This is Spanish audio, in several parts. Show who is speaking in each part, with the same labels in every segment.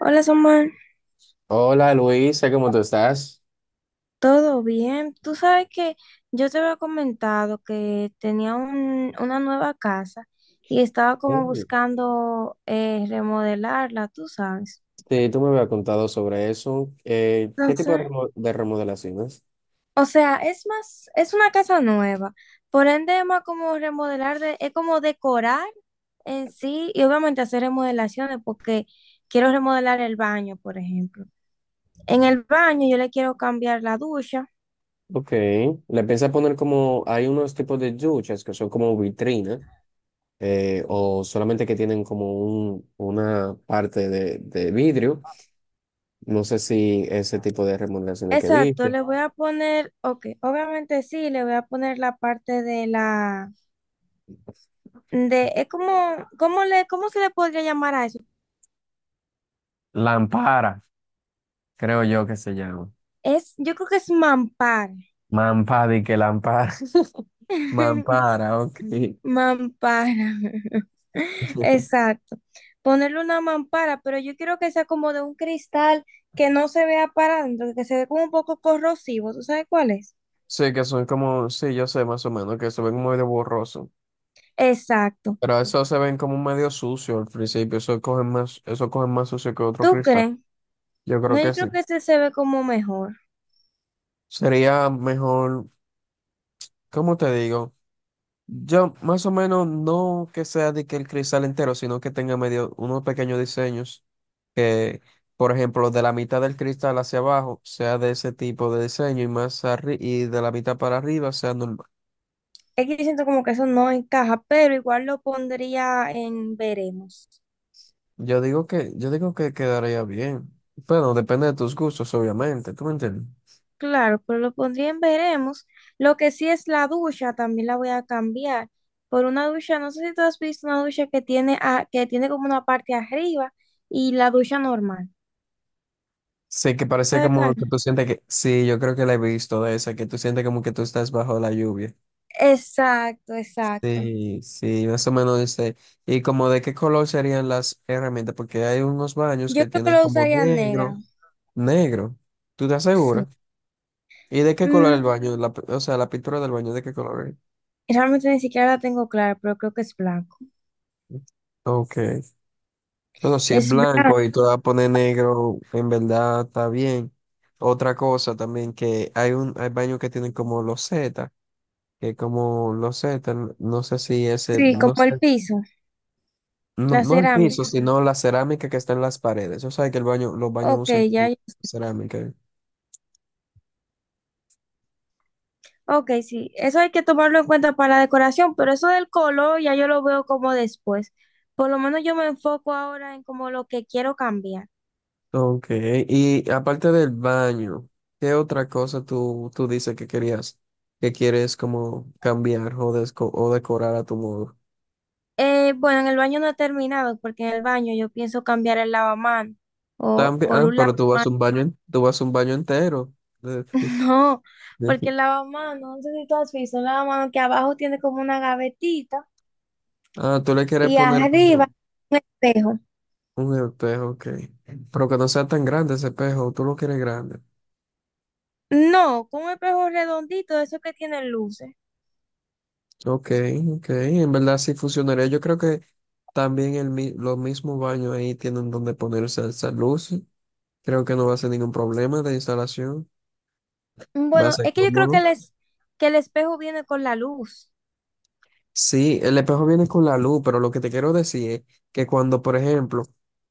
Speaker 1: Hola, Samuel.
Speaker 2: Hola Luisa, ¿cómo tú estás?
Speaker 1: ¿Todo bien? Tú sabes que yo te había comentado que tenía una nueva casa y estaba como
Speaker 2: Hey,
Speaker 1: buscando remodelarla, tú sabes.
Speaker 2: sí, tú me habías contado sobre eso. ¿Qué tipo de,
Speaker 1: Entonces,
Speaker 2: remodelaciones?
Speaker 1: o sea, es más, es una casa nueva. Por ende, es más como remodelar, es como decorar en sí y obviamente hacer remodelaciones porque quiero remodelar el baño, por ejemplo. En el baño yo le quiero cambiar la ducha.
Speaker 2: Ok, le piensas poner como, hay unos tipos de duchas que son como vitrina o solamente que tienen como una parte de vidrio. No sé si ese tipo de remodelaciones que
Speaker 1: Exacto,
Speaker 2: dice.
Speaker 1: le voy a poner, ok, obviamente sí, le voy a poner la parte de la, de, es como, ¿cómo le, cómo se le podría llamar a eso?
Speaker 2: Lampara, creo yo que se llama.
Speaker 1: Es, yo creo que es mampara.
Speaker 2: Mampadi que lampara. Mampara, ok.
Speaker 1: Mampara. Exacto. Ponerle una mampara, pero yo quiero que sea como de un cristal que no se vea para adentro, que se ve como un poco corrosivo. ¿Tú sabes cuál es?
Speaker 2: Sí, que son como, sí, yo sé más o menos, que se ven muy de borroso.
Speaker 1: Exacto.
Speaker 2: Pero eso se ven como medio sucio al principio, eso cogen más sucio que otro
Speaker 1: ¿Tú
Speaker 2: cristal.
Speaker 1: crees?
Speaker 2: Yo creo
Speaker 1: No, yo
Speaker 2: que sí.
Speaker 1: creo que ese se ve como mejor.
Speaker 2: Sería mejor, ¿cómo te digo? Yo más o menos no que sea de que el cristal entero, sino que tenga medio unos pequeños diseños que, por ejemplo, de la mitad del cristal hacia abajo sea de ese tipo de diseño y de la mitad para arriba sea normal.
Speaker 1: Es que yo siento como que eso no encaja, pero igual lo pondría en veremos.
Speaker 2: Yo digo que quedaría bien. Bueno, depende de tus gustos, obviamente, ¿tú me entiendes?
Speaker 1: Claro, pero lo pondría en veremos. Lo que sí es la ducha, también la voy a cambiar por una ducha, no sé si tú has visto una ducha que tiene, que tiene como una parte arriba y la ducha normal.
Speaker 2: Sí, que parece
Speaker 1: ¿Sabes
Speaker 2: como
Speaker 1: cuál?
Speaker 2: que tú sientes que... Sí, yo creo que la he visto de esa, que tú sientes como que tú estás bajo la lluvia.
Speaker 1: Exacto, exacto.
Speaker 2: Sí, sí, más o menos dice. ¿Y como de qué color serían las herramientas? Porque hay unos baños
Speaker 1: Yo
Speaker 2: que
Speaker 1: creo que
Speaker 2: tienen
Speaker 1: lo
Speaker 2: como
Speaker 1: usaría negro.
Speaker 2: negro, negro. ¿Tú te
Speaker 1: Sí.
Speaker 2: aseguras? ¿Y de qué color el
Speaker 1: Mm,
Speaker 2: baño? La, pi- o sea, la pintura del baño, ¿de qué color es?
Speaker 1: realmente ni siquiera la tengo clara, pero creo que es blanco.
Speaker 2: Ok. Bueno, si es
Speaker 1: Es blanco,
Speaker 2: blanco y tú vas a poner negro, en verdad está bien. Otra cosa también que hay baños que tienen como loseta que como, no sé, no sé si ese,
Speaker 1: sí,
Speaker 2: no
Speaker 1: como
Speaker 2: sé,
Speaker 1: el piso,
Speaker 2: no,
Speaker 1: la
Speaker 2: no el piso,
Speaker 1: cerámica.
Speaker 2: sino la cerámica que está en las paredes. Yo sé que los baños
Speaker 1: Ok,
Speaker 2: usan
Speaker 1: ya.
Speaker 2: como cerámica.
Speaker 1: Ok, sí, eso hay que tomarlo en cuenta para la decoración, pero eso del color ya yo lo veo como después. Por lo menos yo me enfoco ahora en como lo que quiero cambiar.
Speaker 2: Ok, y aparte del baño, ¿qué otra cosa tú dices que querías, que quieres como cambiar o, decorar a tu modo?
Speaker 1: Bueno, en el baño no he terminado, porque en el baño yo pienso cambiar el lavamanos o
Speaker 2: También,
Speaker 1: por
Speaker 2: ah,
Speaker 1: un lavamanos.
Speaker 2: pero tú vas a un baño, tú vas a un baño entero. De-
Speaker 1: No, porque
Speaker 2: de-
Speaker 1: el lavamanos, no sé si tú has visto, un lavamanos que abajo tiene como una gavetita
Speaker 2: Ah, tú le quieres
Speaker 1: y
Speaker 2: poner como
Speaker 1: arriba un espejo.
Speaker 2: un espejo, ok. Pero que no sea tan grande ese espejo, tú lo quieres grande.
Speaker 1: No, con un espejo redondito, eso que tiene luces.
Speaker 2: Ok, ok, en verdad sí funcionaría. Yo creo que también los mismos baños ahí tienen donde ponerse esas luces. Creo que no va a ser ningún problema de instalación, va a
Speaker 1: Bueno,
Speaker 2: ser
Speaker 1: es que yo creo que
Speaker 2: cómodo.
Speaker 1: que el espejo viene con la luz.
Speaker 2: Sí, el espejo viene con la luz, pero lo que te quiero decir es que cuando, por ejemplo,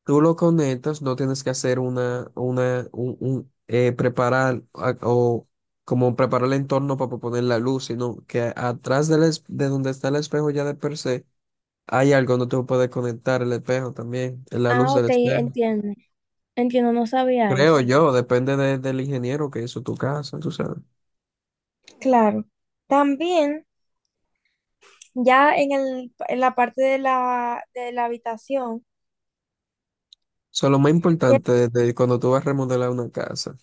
Speaker 2: tú lo conectas, no tienes que hacer una preparar a- o como preparar el entorno para poner la luz, sino que atrás de donde está el espejo ya de per se hay algo, no te puedes conectar el espejo también, es la luz
Speaker 1: Ah,
Speaker 2: del
Speaker 1: ok,
Speaker 2: espejo.
Speaker 1: entiendo. Entiendo, no sabía
Speaker 2: Creo
Speaker 1: eso.
Speaker 2: yo, depende del ingeniero que hizo tu casa, tú sabes.
Speaker 1: Claro. También, ya en el, en la parte de la habitación,
Speaker 2: Eso es lo más
Speaker 1: que-
Speaker 2: importante de, cuando tú vas a remodelar una casa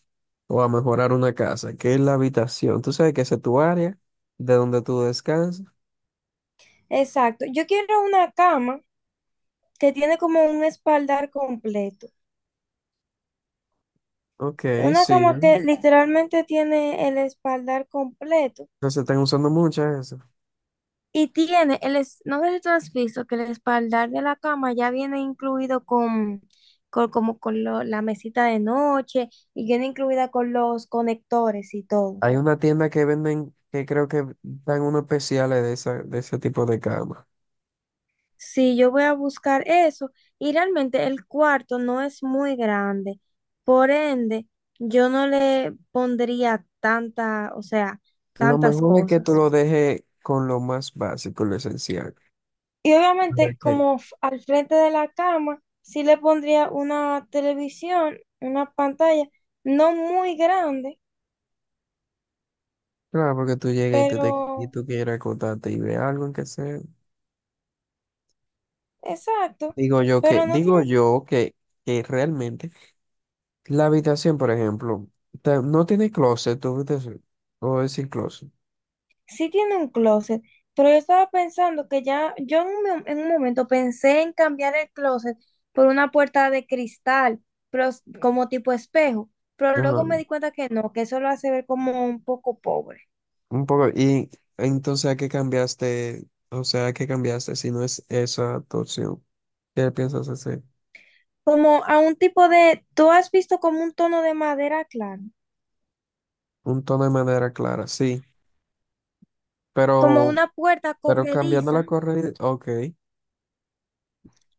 Speaker 2: o a mejorar una casa, que es la habitación. Tú sabes que esa es tu área de donde tú descansas.
Speaker 1: exacto. Yo quiero una cama que tiene como un espaldar completo.
Speaker 2: Ok,
Speaker 1: Una
Speaker 2: sí.
Speaker 1: cama que literalmente tiene el espaldar completo.
Speaker 2: No se están usando muchas esas.
Speaker 1: Y tiene, no sé si tú has visto que el espaldar de la cama ya viene incluido con, como con la mesita de noche y viene incluida con los conectores y todo.
Speaker 2: Hay una tienda que venden, que creo que dan unos especiales de, esa, de ese tipo de cama.
Speaker 1: Sí, yo voy a buscar eso y realmente el cuarto no es muy grande, por ende, yo no le pondría tanta, o sea,
Speaker 2: Lo
Speaker 1: tantas
Speaker 2: mejor es que tú
Speaker 1: cosas.
Speaker 2: lo dejes con lo más básico, lo esencial.
Speaker 1: Y obviamente,
Speaker 2: Ok.
Speaker 1: como al frente de la cama, sí le pondría una televisión, una pantalla, no muy grande,
Speaker 2: Claro, porque tú llegas y y
Speaker 1: pero
Speaker 2: tú quieres acotarte y ve algo en que se...
Speaker 1: exacto, pero no
Speaker 2: Digo
Speaker 1: tiene,
Speaker 2: yo que realmente la habitación, por ejemplo, no tiene closet, tu habitación, o es sin closet.
Speaker 1: sí tiene un closet. Pero yo estaba pensando que ya, yo en en un momento pensé en cambiar el closet por una puerta de cristal, pero como tipo espejo, pero
Speaker 2: Ajá.
Speaker 1: luego me di cuenta que no, que eso lo hace ver como un poco pobre.
Speaker 2: Un poco, y entonces, ¿a qué cambiaste? O sea, ¿a qué cambiaste si no es esa tu opción? ¿Qué piensas hacer?
Speaker 1: Como a un tipo de, ¿tú has visto como un tono de madera claro?
Speaker 2: Un tono de madera clara, sí,
Speaker 1: Como
Speaker 2: pero,
Speaker 1: una puerta
Speaker 2: pero cambiando la
Speaker 1: corrediza
Speaker 2: correa, ok,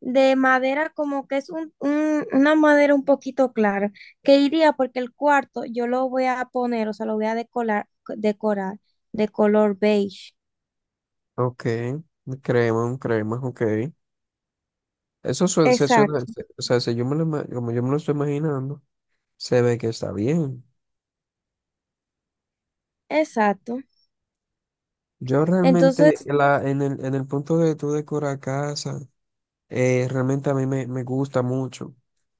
Speaker 1: de madera, como que es una madera un poquito clara, que iría porque el cuarto yo lo voy a poner, o sea, lo voy a decorar, decorar de color beige.
Speaker 2: ok, crema, un crema, ok. Eso suena,
Speaker 1: Exacto,
Speaker 2: se- o sea, si yo me lo, como yo me lo estoy imaginando, se ve que está bien.
Speaker 1: exacto.
Speaker 2: Yo
Speaker 1: Entonces,
Speaker 2: realmente, la, en el punto de tú decorar casa, realmente a mí me gusta mucho.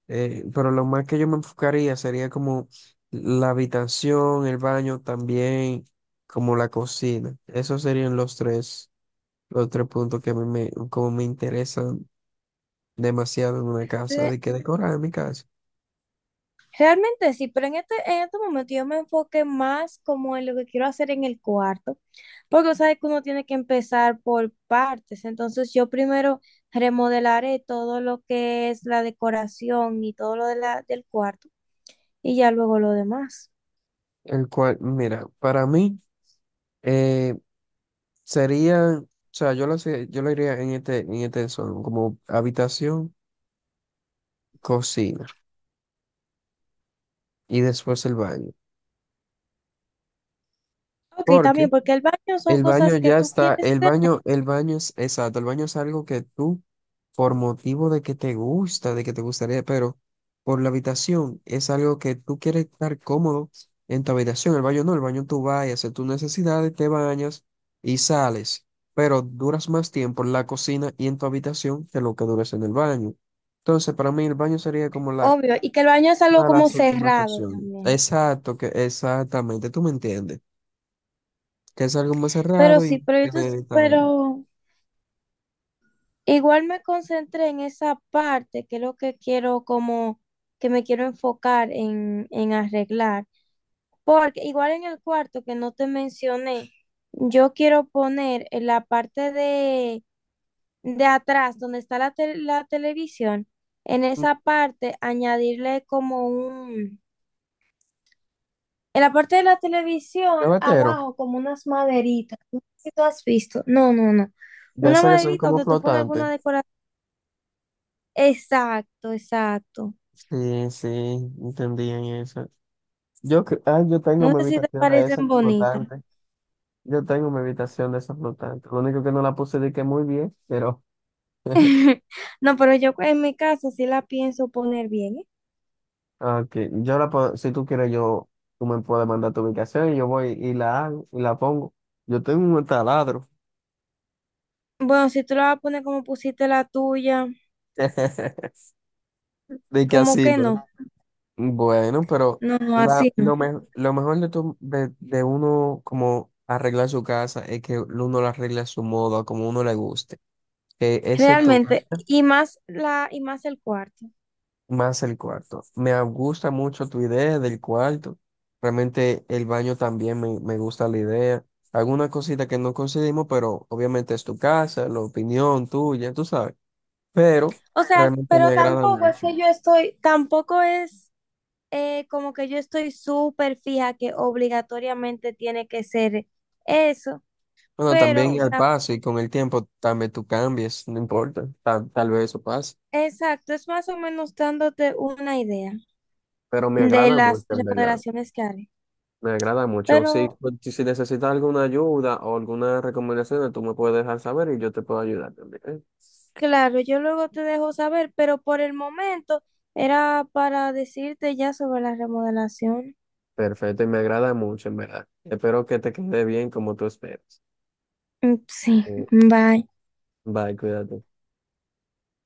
Speaker 2: Pero lo más que yo me enfocaría sería como la habitación, el baño también, como la cocina. Esos serían los tres puntos que a mí como me interesan demasiado en una casa,
Speaker 1: re-
Speaker 2: de que decorar en mi casa.
Speaker 1: realmente sí, pero en este momento yo me enfoqué más como en lo que quiero hacer en el cuarto. Porque sabes que uno tiene que empezar por partes. Entonces yo primero remodelaré todo lo que es la decoración y todo lo de la, del cuarto y ya luego lo demás.
Speaker 2: El cual, mira, para mí... eh, Sería, o sea, yo lo iría en este desorden, como habitación, cocina y después el baño.
Speaker 1: Ok,
Speaker 2: Porque
Speaker 1: también porque el baño son
Speaker 2: el baño
Speaker 1: cosas que
Speaker 2: ya
Speaker 1: tú
Speaker 2: está,
Speaker 1: quieres tener,
Speaker 2: el baño es, exacto, el baño es algo que tú, por motivo de que te gusta, de que te gustaría, pero por la habitación es algo que tú quieres estar cómodo en tu habitación. El baño no, el baño tú vas y haces tus necesidades, te bañas y sales, pero duras más tiempo en la cocina y en tu habitación que lo que duras en el baño. Entonces, para mí el baño sería como la,
Speaker 1: obvio, y que el baño es
Speaker 2: una
Speaker 1: algo
Speaker 2: de
Speaker 1: como
Speaker 2: las últimas
Speaker 1: cerrado
Speaker 2: opciones.
Speaker 1: también.
Speaker 2: Exacto, que exactamente, tú me entiendes, que es algo más
Speaker 1: Pero
Speaker 2: cerrado y no
Speaker 1: sí, pero,
Speaker 2: tiene
Speaker 1: pero igual me concentré en esa parte, que es lo que quiero como, que me quiero enfocar en arreglar. Porque igual en el cuarto que no te mencioné, yo quiero poner en la parte de atrás, donde está la, la televisión, en esa parte añadirle como un, en la parte de la televisión,
Speaker 2: gavetero,
Speaker 1: abajo, como unas maderitas. No sé si tú has visto. No, no, no.
Speaker 2: de
Speaker 1: Una
Speaker 2: esas que son
Speaker 1: maderita
Speaker 2: como
Speaker 1: donde tú pones
Speaker 2: flotantes.
Speaker 1: alguna decoración. Exacto, exacto.
Speaker 2: Sí, sí, entendían eso. Yo tengo
Speaker 1: No
Speaker 2: mi
Speaker 1: sé si te
Speaker 2: habitación de esas
Speaker 1: parecen bonitas.
Speaker 2: flotantes. Yo tengo mi habitación de esas flotantes. Lo único que no la puse de que muy bien, pero
Speaker 1: No, pero yo en mi caso sí la pienso poner bien, ¿eh?
Speaker 2: ok. Yo la puedo, si tú quieres, tú me puedes mandar tu ubicación y yo voy y la hago y la pongo. Yo tengo un taladro.
Speaker 1: Bueno, si tú la vas a poner como pusiste la tuya,
Speaker 2: De que
Speaker 1: como
Speaker 2: así,
Speaker 1: que
Speaker 2: ¿no?
Speaker 1: no.
Speaker 2: Bueno, pero
Speaker 1: No, no, así no.
Speaker 2: lo mejor de uno como arreglar su casa es que uno la arregla a su modo, a como uno le guste. Que ese es tu,
Speaker 1: Realmente, y más la, y más el cuarto.
Speaker 2: más el cuarto. Me gusta mucho tu idea del cuarto. Realmente el baño también me gusta la idea. Alguna cosita que no coincidimos, pero obviamente es tu casa, la opinión tuya, tú sabes. Pero
Speaker 1: O sea,
Speaker 2: realmente me
Speaker 1: pero
Speaker 2: agrada
Speaker 1: tampoco es
Speaker 2: mucho.
Speaker 1: que yo estoy, tampoco es como que yo estoy súper fija que obligatoriamente tiene que ser eso.
Speaker 2: Bueno,
Speaker 1: Pero, o
Speaker 2: también al
Speaker 1: sea,
Speaker 2: paso y con el tiempo también tú cambies, no importa, tal vez eso pase.
Speaker 1: exacto, es más o menos dándote una idea
Speaker 2: Pero me
Speaker 1: de
Speaker 2: agrada mucho,
Speaker 1: las
Speaker 2: en verdad.
Speaker 1: remodelaciones que haré.
Speaker 2: Me agrada mucho. Si,
Speaker 1: Pero
Speaker 2: pues, si necesitas alguna ayuda o alguna recomendación, tú me puedes dejar saber y yo te puedo ayudar también, ¿eh?
Speaker 1: claro, yo luego te dejo saber, pero por el momento era para decirte ya sobre la remodelación.
Speaker 2: Perfecto, y me agrada mucho, en verdad. Espero que te quede bien como tú esperas.
Speaker 1: Mm, sí,
Speaker 2: Mm,
Speaker 1: bye.
Speaker 2: bye, cuídate.